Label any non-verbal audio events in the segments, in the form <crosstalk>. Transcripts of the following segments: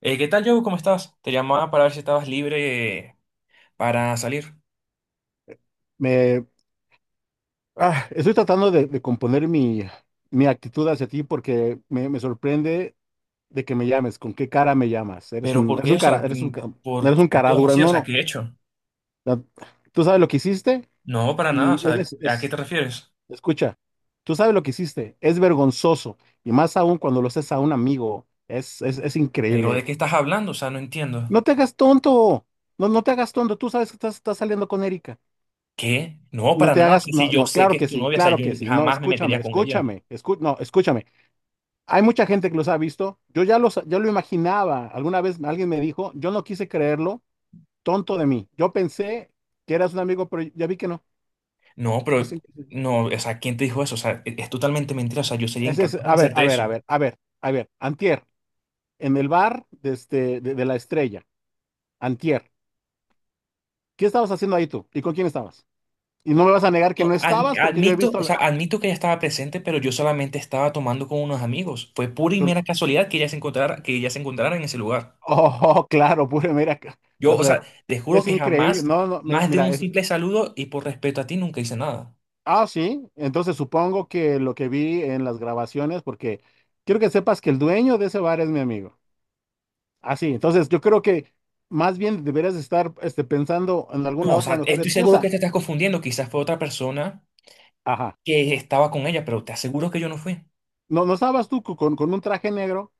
¿Qué tal, Joe? ¿Cómo estás? Te llamaba para ver si estabas libre para salir. Me, Estoy tratando de componer mi actitud hacia ti porque me sorprende de que me llames. ¿Con qué cara me llamas? Eres Pero ¿por eres qué? un O cara, sea, ¿por eres un qué cara todo dura. así? O No, sea, ¿qué no. he hecho? La- Tú sabes lo que hiciste No, para nada. O y es, sea, es, ¿a qué te es- refieres? escucha, tú sabes lo que hiciste. Es vergonzoso y más aún cuando lo haces a un amigo. Es ¿Pero de increíble. qué estás hablando? O sea, no entiendo. No te hagas tonto. No, no te hagas tonto. Tú sabes que estás saliendo con Erika. ¿Qué? No, No para te nada. O sea, hagas, si no, yo no, sé que claro es que tu sí, novia, o sea, claro yo que sí. No, jamás me escúchame, metería con ella. No, escúchame. Hay mucha gente que los ha visto. Yo lo imaginaba. Alguna vez alguien me dijo, yo no quise creerlo, tonto de mí. Yo pensé que eras un amigo, pero ya vi que no. No, pero Así que- no, o sea, ¿quién te dijo eso? O sea, es totalmente mentira. O sea, yo sería ese es- incapaz de A ver, hacerte a ver, eso. a ver, a ver, a ver. Antier, en el bar de la Estrella. Antier, ¿qué estabas haciendo ahí tú? ¿Y con quién estabas? Y no me vas a negar que No, no estabas porque yo he admito, visto, o sea, admito que ella estaba presente, pero yo solamente estaba tomando con unos amigos. Fue pura y mera casualidad que ella se encontrara, que ella se encontrara en ese lugar. oh, <laughs> claro, pura, mira, Yo, o casualidad. sea, te juro Es que increíble. jamás, No, no, más de un simple saludo y por respeto a ti, nunca hice nada. ah, sí. Entonces supongo que lo que vi en las grabaciones, porque quiero que sepas que el dueño de ese bar es mi amigo. Ah, sí. Entonces yo creo que más bien deberías estar pensando en No, alguna o otra sea, mejor estoy seguro que excusa. te estás confundiendo. Quizás fue otra persona Ajá. que estaba con ella, pero te aseguro que yo no fui. No, no estabas con un traje negro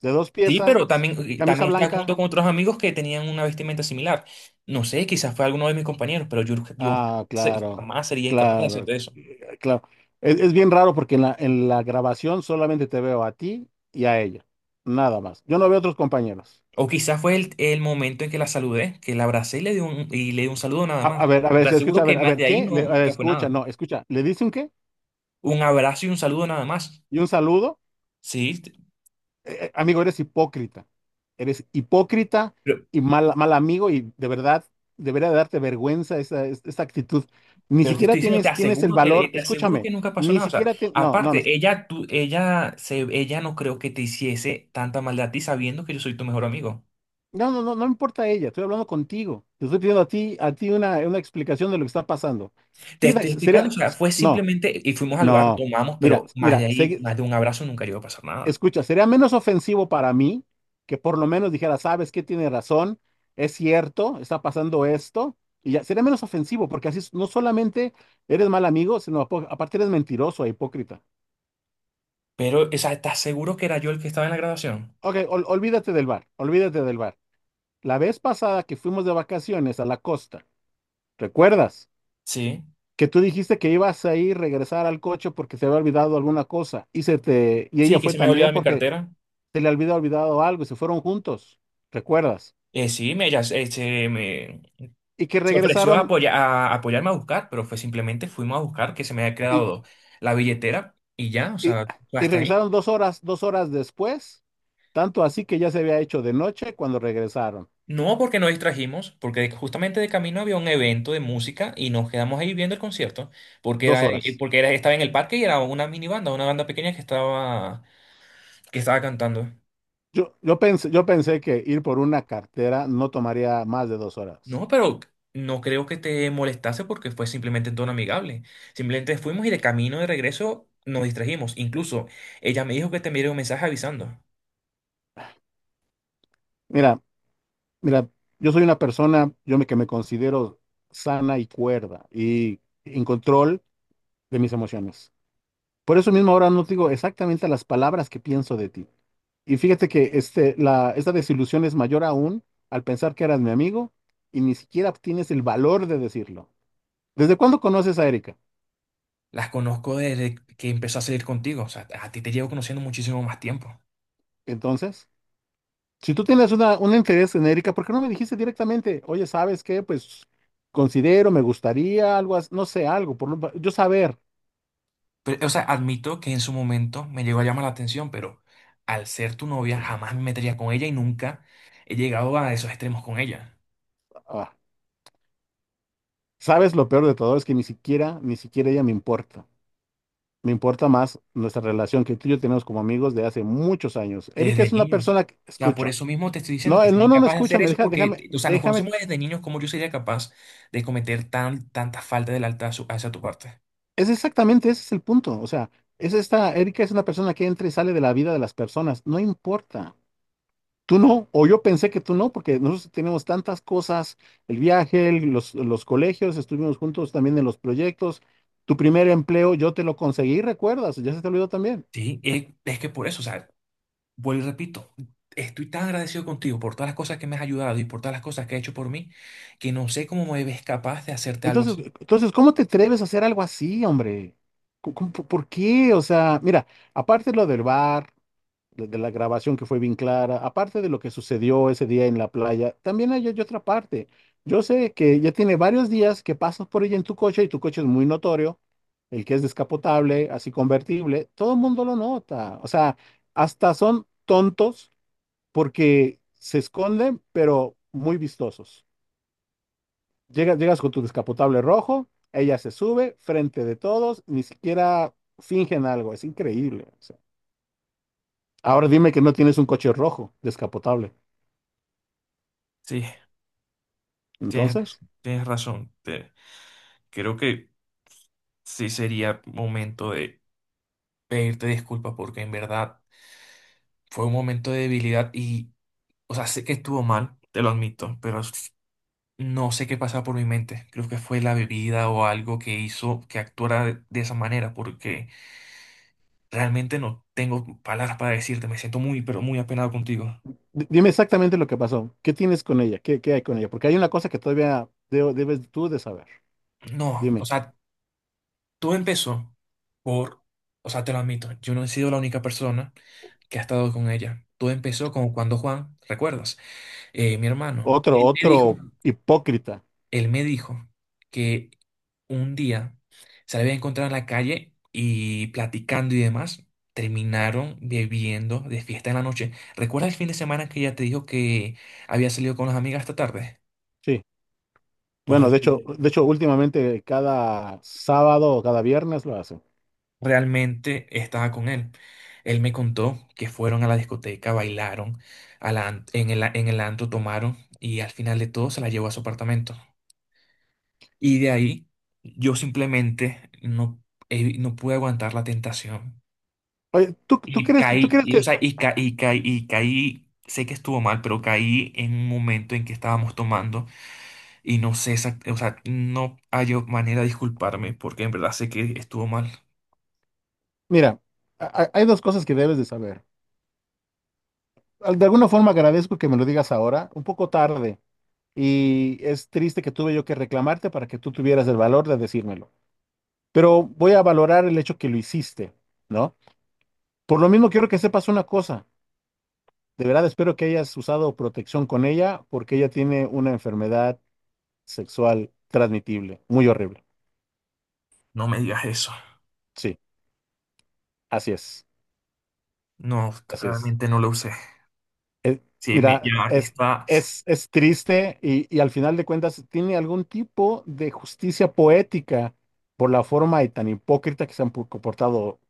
de dos Sí, piezas, pero también, camisa también estaba blanca. junto con otros amigos que tenían una vestimenta similar. No sé, quizás fue alguno de mis compañeros, pero yo Ah, claro, jamás sería incapaz de hacer claro, eso. Claro. Es bien raro porque en en la grabación solamente te veo a ti y a ella, nada más. Yo no veo a otros compañeros. O quizás fue el momento en que la saludé, que la abracé y le di un, y le di un saludo nada más. A Te ver, se aseguro escucha, que a más ver, de ahí ¿qué? No, A ver, nunca fue escucha, nada. no, escucha, ¿le dice un qué? Un abrazo y un saludo nada más. ¿Y un saludo? Sí, Amigo, eres hipócrita. Eres hipócrita pero, y mal amigo y de verdad debería darte vergüenza esa actitud. Ni pero te siquiera estoy diciendo, te tienes el aseguro, te, valor, te aseguro escúchame, que nunca pasó ni nada. O sea, siquiera tienes, no, no, no. aparte, ella, tú, ella, se, ella no creo que te hiciese tanta maldad a ti sabiendo que yo soy tu mejor amigo. No, no, no, no me importa ella, estoy hablando contigo. Te estoy pidiendo a ti una explicación de lo que está pasando. Te Fíjate, estoy explicando, o sería, sea, fue no, simplemente, y fuimos al bar, no, tomamos, mira, pero más mira, de ahí, segui- más de un abrazo nunca iba a pasar nada. escucha, sería menos ofensivo para mí que por lo menos dijera, sabes que tiene razón, es cierto, está pasando esto, y ya, sería menos ofensivo, porque así no solamente eres mal amigo, sino aparte eres mentiroso e hipócrita. Pero, o sea, ¿estás seguro que era yo el que estaba en la graduación? Ok, olvídate del bar, olvídate del bar. La vez pasada que fuimos de vacaciones a la costa, ¿recuerdas? Sí. Que tú dijiste que ibas a ir regresar al coche porque se había olvidado alguna cosa y se te y Sí, ella que fue se me había también olvidado mi porque cartera. se le había olvidado algo y se fueron juntos, ¿recuerdas? Sí, me, ella se, se me, Y que se ofreció a, regresaron a apoyarme a buscar, pero fue simplemente fuimos a buscar que se me había y, quedado la billetera y ya, o y, sea, fue Y hasta ahí. regresaron 2 horas, 2 horas después, tanto así que ya se había hecho de noche cuando regresaron, No porque nos distrajimos, porque justamente de camino había un evento de música y nos quedamos ahí viendo el concierto, dos horas. porque era, estaba en el parque y era una mini banda, una banda pequeña que estaba cantando. Yo pensé que ir por una cartera no tomaría más de 2 horas. No, pero no creo que te molestase porque fue simplemente en tono amigable. Simplemente fuimos y de camino de regreso nos distrajimos. Incluso ella me dijo que te enviaría un mensaje avisando. Mira, mira, yo soy una persona, que me considero sana y cuerda y en control de mis emociones. Por eso mismo ahora no te digo exactamente las palabras que pienso de ti. Y fíjate que esta desilusión es mayor aún al pensar que eras mi amigo y ni siquiera tienes el valor de decirlo. ¿Desde cuándo conoces a Erika? Las conozco desde que empezó a salir contigo. O sea, a ti te llevo conociendo muchísimo más tiempo. Entonces, si tú tienes un interés en Erika, ¿por qué no me dijiste directamente, oye, ¿sabes qué? Pues considero, me gustaría algo, no sé, algo, yo saber. Pero, o sea, admito que en su momento me llegó a llamar la atención, pero al ser tu novia jamás me metería con ella y nunca he llegado a esos extremos con ella. Ah, sabes, lo peor de todo es que ni siquiera, ni siquiera ella me importa. Me importa más nuestra relación que tú y yo tenemos como amigos de hace muchos años. Erika Desde es una niños. persona que Ya por escucha. eso mismo te estoy diciendo No, que él sería no, no, no incapaz de escucha, hacer me eso deja, déjame, porque, o sea, nos déjame. conocemos desde niños, como yo sería capaz de cometer tan, tanta falta del alta a hacia tu parte? Es exactamente, ese es el punto. O sea, es esta, Erika es una persona que entra y sale de la vida de las personas. No importa. Tú no, o yo pensé que tú no, porque nosotros tenemos tantas cosas, el- viaje, los colegios, estuvimos juntos también en los proyectos. Tu primer empleo, yo te lo conseguí, ¿recuerdas? Ya se te olvidó también. Sí, es que por eso, o sea, vuelvo y repito, estoy tan agradecido contigo por todas las cosas que me has ayudado y por todas las cosas que has hecho por mí, que no sé cómo me ves capaz de hacerte algo Entonces, así. entonces, ¿cómo te atreves a hacer algo así, hombre? ¿Por ¿por qué? O sea, mira, aparte de lo del bar, de la grabación que fue bien clara, aparte de lo que sucedió ese día en la playa, también hay otra parte. Yo sé que ya tiene varios días que pasas por ella en tu coche y tu coche es muy notorio, el que es descapotable, así convertible, todo el mundo lo nota. O sea, hasta son tontos porque se esconden, pero muy vistosos. Llegas, llegas con tu descapotable rojo, ella se sube frente de todos, ni siquiera fingen algo, es increíble, o sea. Ahora dime que no tienes un coche rojo descapotable. Sí, tienes, Entonces, tienes razón. Creo que sí sería momento de pedirte disculpas porque en verdad fue un momento de debilidad y... O sea, sé que estuvo mal, te lo admito, pero no sé qué pasaba por mi mente. Creo que fue la bebida o algo que hizo que actuara de esa manera, porque realmente no tengo palabras para decirte. Me siento muy, pero muy apenado contigo. Dime exactamente lo que pasó. ¿Qué tienes con ella? ¿Qué, qué hay con ella? Porque hay una cosa que todavía debes tú de saber. No, o Dime, sea, todo empezó por, o sea, te lo admito, yo no he sido la única persona que ha estado con ella. Todo empezó como cuando Juan, ¿recuerdas? Mi hermano, otro, otro hipócrita. él me dijo que un día se la había encontrado en la calle y platicando y demás, terminaron bebiendo de fiesta en la noche. ¿Recuerdas el fin de semana que ella te dijo que había salido con las amigas esta tarde? Sí. Pues Bueno, resulta- de hecho, últimamente cada sábado o cada viernes lo hacen. realmente estaba con él. Él me contó que fueron a la discoteca, bailaron, a la en el, en el antro tomaron y al final de todo se la llevó a su apartamento. Y de ahí yo simplemente no, no pude aguantar la tentación. Oye, Y ¿tú caí, crees y, o que, sea, y caí, y caí, y caí, sé que estuvo mal, pero caí en un momento en que estábamos tomando y no sé, o sea, no hay manera de disculparme porque en verdad sé que estuvo mal. mira, hay dos cosas que debes de saber. De alguna forma agradezco que me lo digas ahora, un poco tarde, y es triste que tuve yo que reclamarte para que tú tuvieras el valor de decírmelo. Pero voy a valorar el hecho que lo hiciste, ¿no? Por lo mismo quiero que sepas una cosa. De verdad espero que hayas usado protección con ella porque ella tiene una enfermedad sexual transmitible, muy horrible. No me digas eso. Sí, así es, No, así es. realmente no lo usé. Sí, me Mira, ya está. Es triste y al final de cuentas tiene algún tipo de justicia poética por la forma y tan hipócrita que se han comportado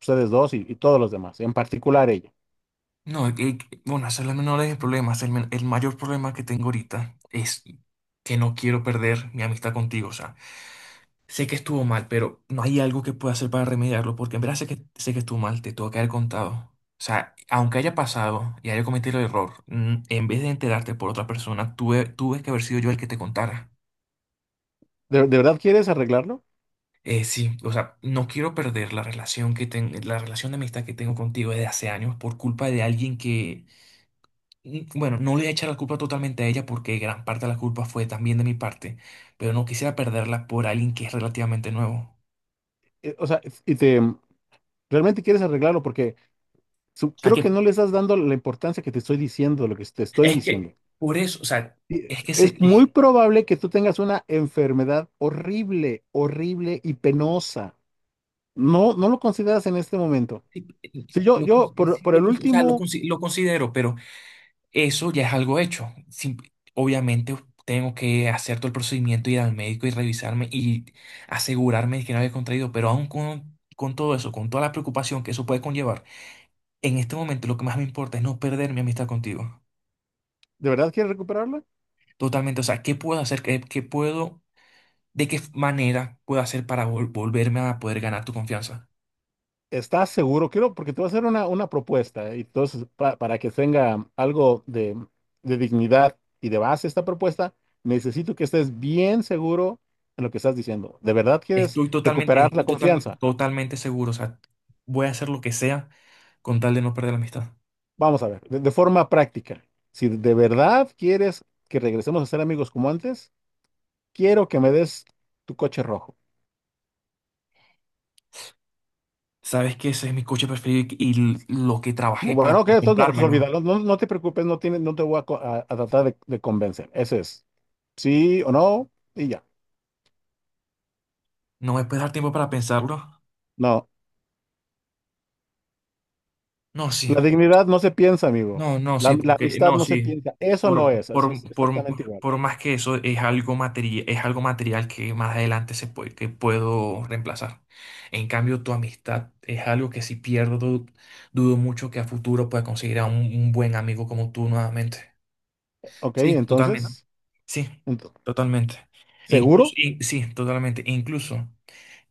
ustedes dos y todos los demás, en particular ella. No, bueno, ese es el menor de mis problemas. El, el mayor problema que tengo ahorita es que no quiero perder mi amistad contigo. O sea, sé que estuvo mal, pero no hay algo que pueda hacer para remediarlo, porque en verdad sé que estuvo mal, te tuvo que haber contado. O sea, aunque haya pasado y haya cometido el error, en vez de enterarte por otra persona, tuve, tuve que haber sido yo el que te contara. ¿De verdad quieres arreglarlo? Sí, o sea, no quiero perder la relación que la relación de amistad que tengo contigo desde hace años por culpa de alguien que, bueno, no le voy a echar la culpa totalmente a ella porque gran parte de la culpa fue también de mi parte, pero no quisiera perderla por alguien que es relativamente nuevo. O sea, ¿realmente quieres arreglarlo? Porque O sea, creo que que no le estás dando la importancia que te estoy diciendo, lo que te estoy es que diciendo. por eso, o sea, Y es que se, es muy probable que tú tengas una enfermedad horrible, horrible y penosa. No, no lo consideras en este momento. sí, Sí, yo, lo, por el o sea, lo, último, lo considero, pero eso ya es algo hecho. Obviamente tengo que hacer todo el procedimiento, ir al médico y revisarme y asegurarme de que no había contraído, pero aún con todo eso, con toda la preocupación que eso puede conllevar, en este momento lo que más me importa es no perder mi amistad contigo. ¿de verdad quieres recuperarla? Totalmente, o sea, ¿qué puedo hacer? ¿Qué, qué puedo, de qué manera puedo hacer para volverme a poder ganar tu confianza? ¿Estás seguro? Quiero, porque te voy a hacer una propuesta, ¿eh? Y entonces para que tenga algo de dignidad y de base esta propuesta, necesito que estés bien seguro en lo que estás diciendo. ¿De verdad quieres Estoy totalmente, recuperar la estoy confianza? totalmente seguro. O sea, voy a hacer lo que sea con tal de no perder la amistad. Vamos a ver, de forma práctica, si de verdad quieres que regresemos a ser amigos como antes, quiero que me des tu coche rojo. Sabes que ese es mi coche preferido y lo que No, trabajé para bueno, ok, entonces no, entonces comprármelo. olvídalo. No, no te preocupes, no, tiene, no te voy a, a tratar de convencer. Ese es sí o no y ya. ¿No me puedes dar tiempo para pensarlo? No, No, sí. la dignidad no se piensa, amigo. No, no, sí, La porque amistad no, no se sí. piensa. Eso no Por, es, así es por, por, exactamente igual. por más que eso es algo material que más adelante se puede, que puedo reemplazar. En cambio, tu amistad es algo que si pierdo, dudo mucho que a futuro pueda conseguir a un buen amigo como tú nuevamente. Ok, Sí, totalmente. entonces, Sí, ento- totalmente. Incluso, ¿seguro? Sí, totalmente. Incluso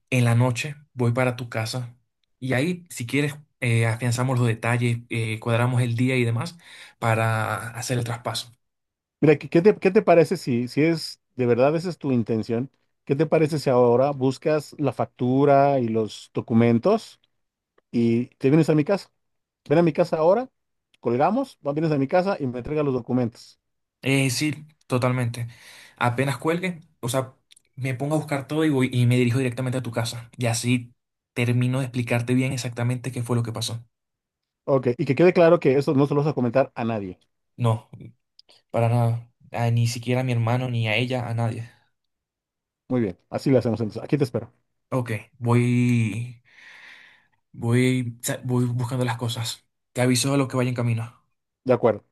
en la noche voy para tu casa y ahí, si quieres, afianzamos los detalles, cuadramos el día y demás para hacer el traspaso. Mira, ¿qué te parece si, si es de verdad esa es tu intención? ¿Qué te parece si ahora buscas la factura y los documentos y te vienes a mi casa? Ven a mi casa ahora, colgamos, vienes a mi casa y me entregas los documentos. Sí, totalmente. Apenas cuelgue, o sea, me pongo a buscar todo y voy y me dirijo directamente a tu casa. Y así termino de explicarte bien exactamente qué fue lo que pasó. Ok, y que quede claro que eso no se lo vas a comentar a nadie. No, para nada. Ni siquiera a mi hermano, ni a ella, a nadie. Muy bien, así lo hacemos entonces. Aquí te espero. Ok, voy. Voy, voy buscando las cosas. Te aviso a lo que vaya en camino. De acuerdo.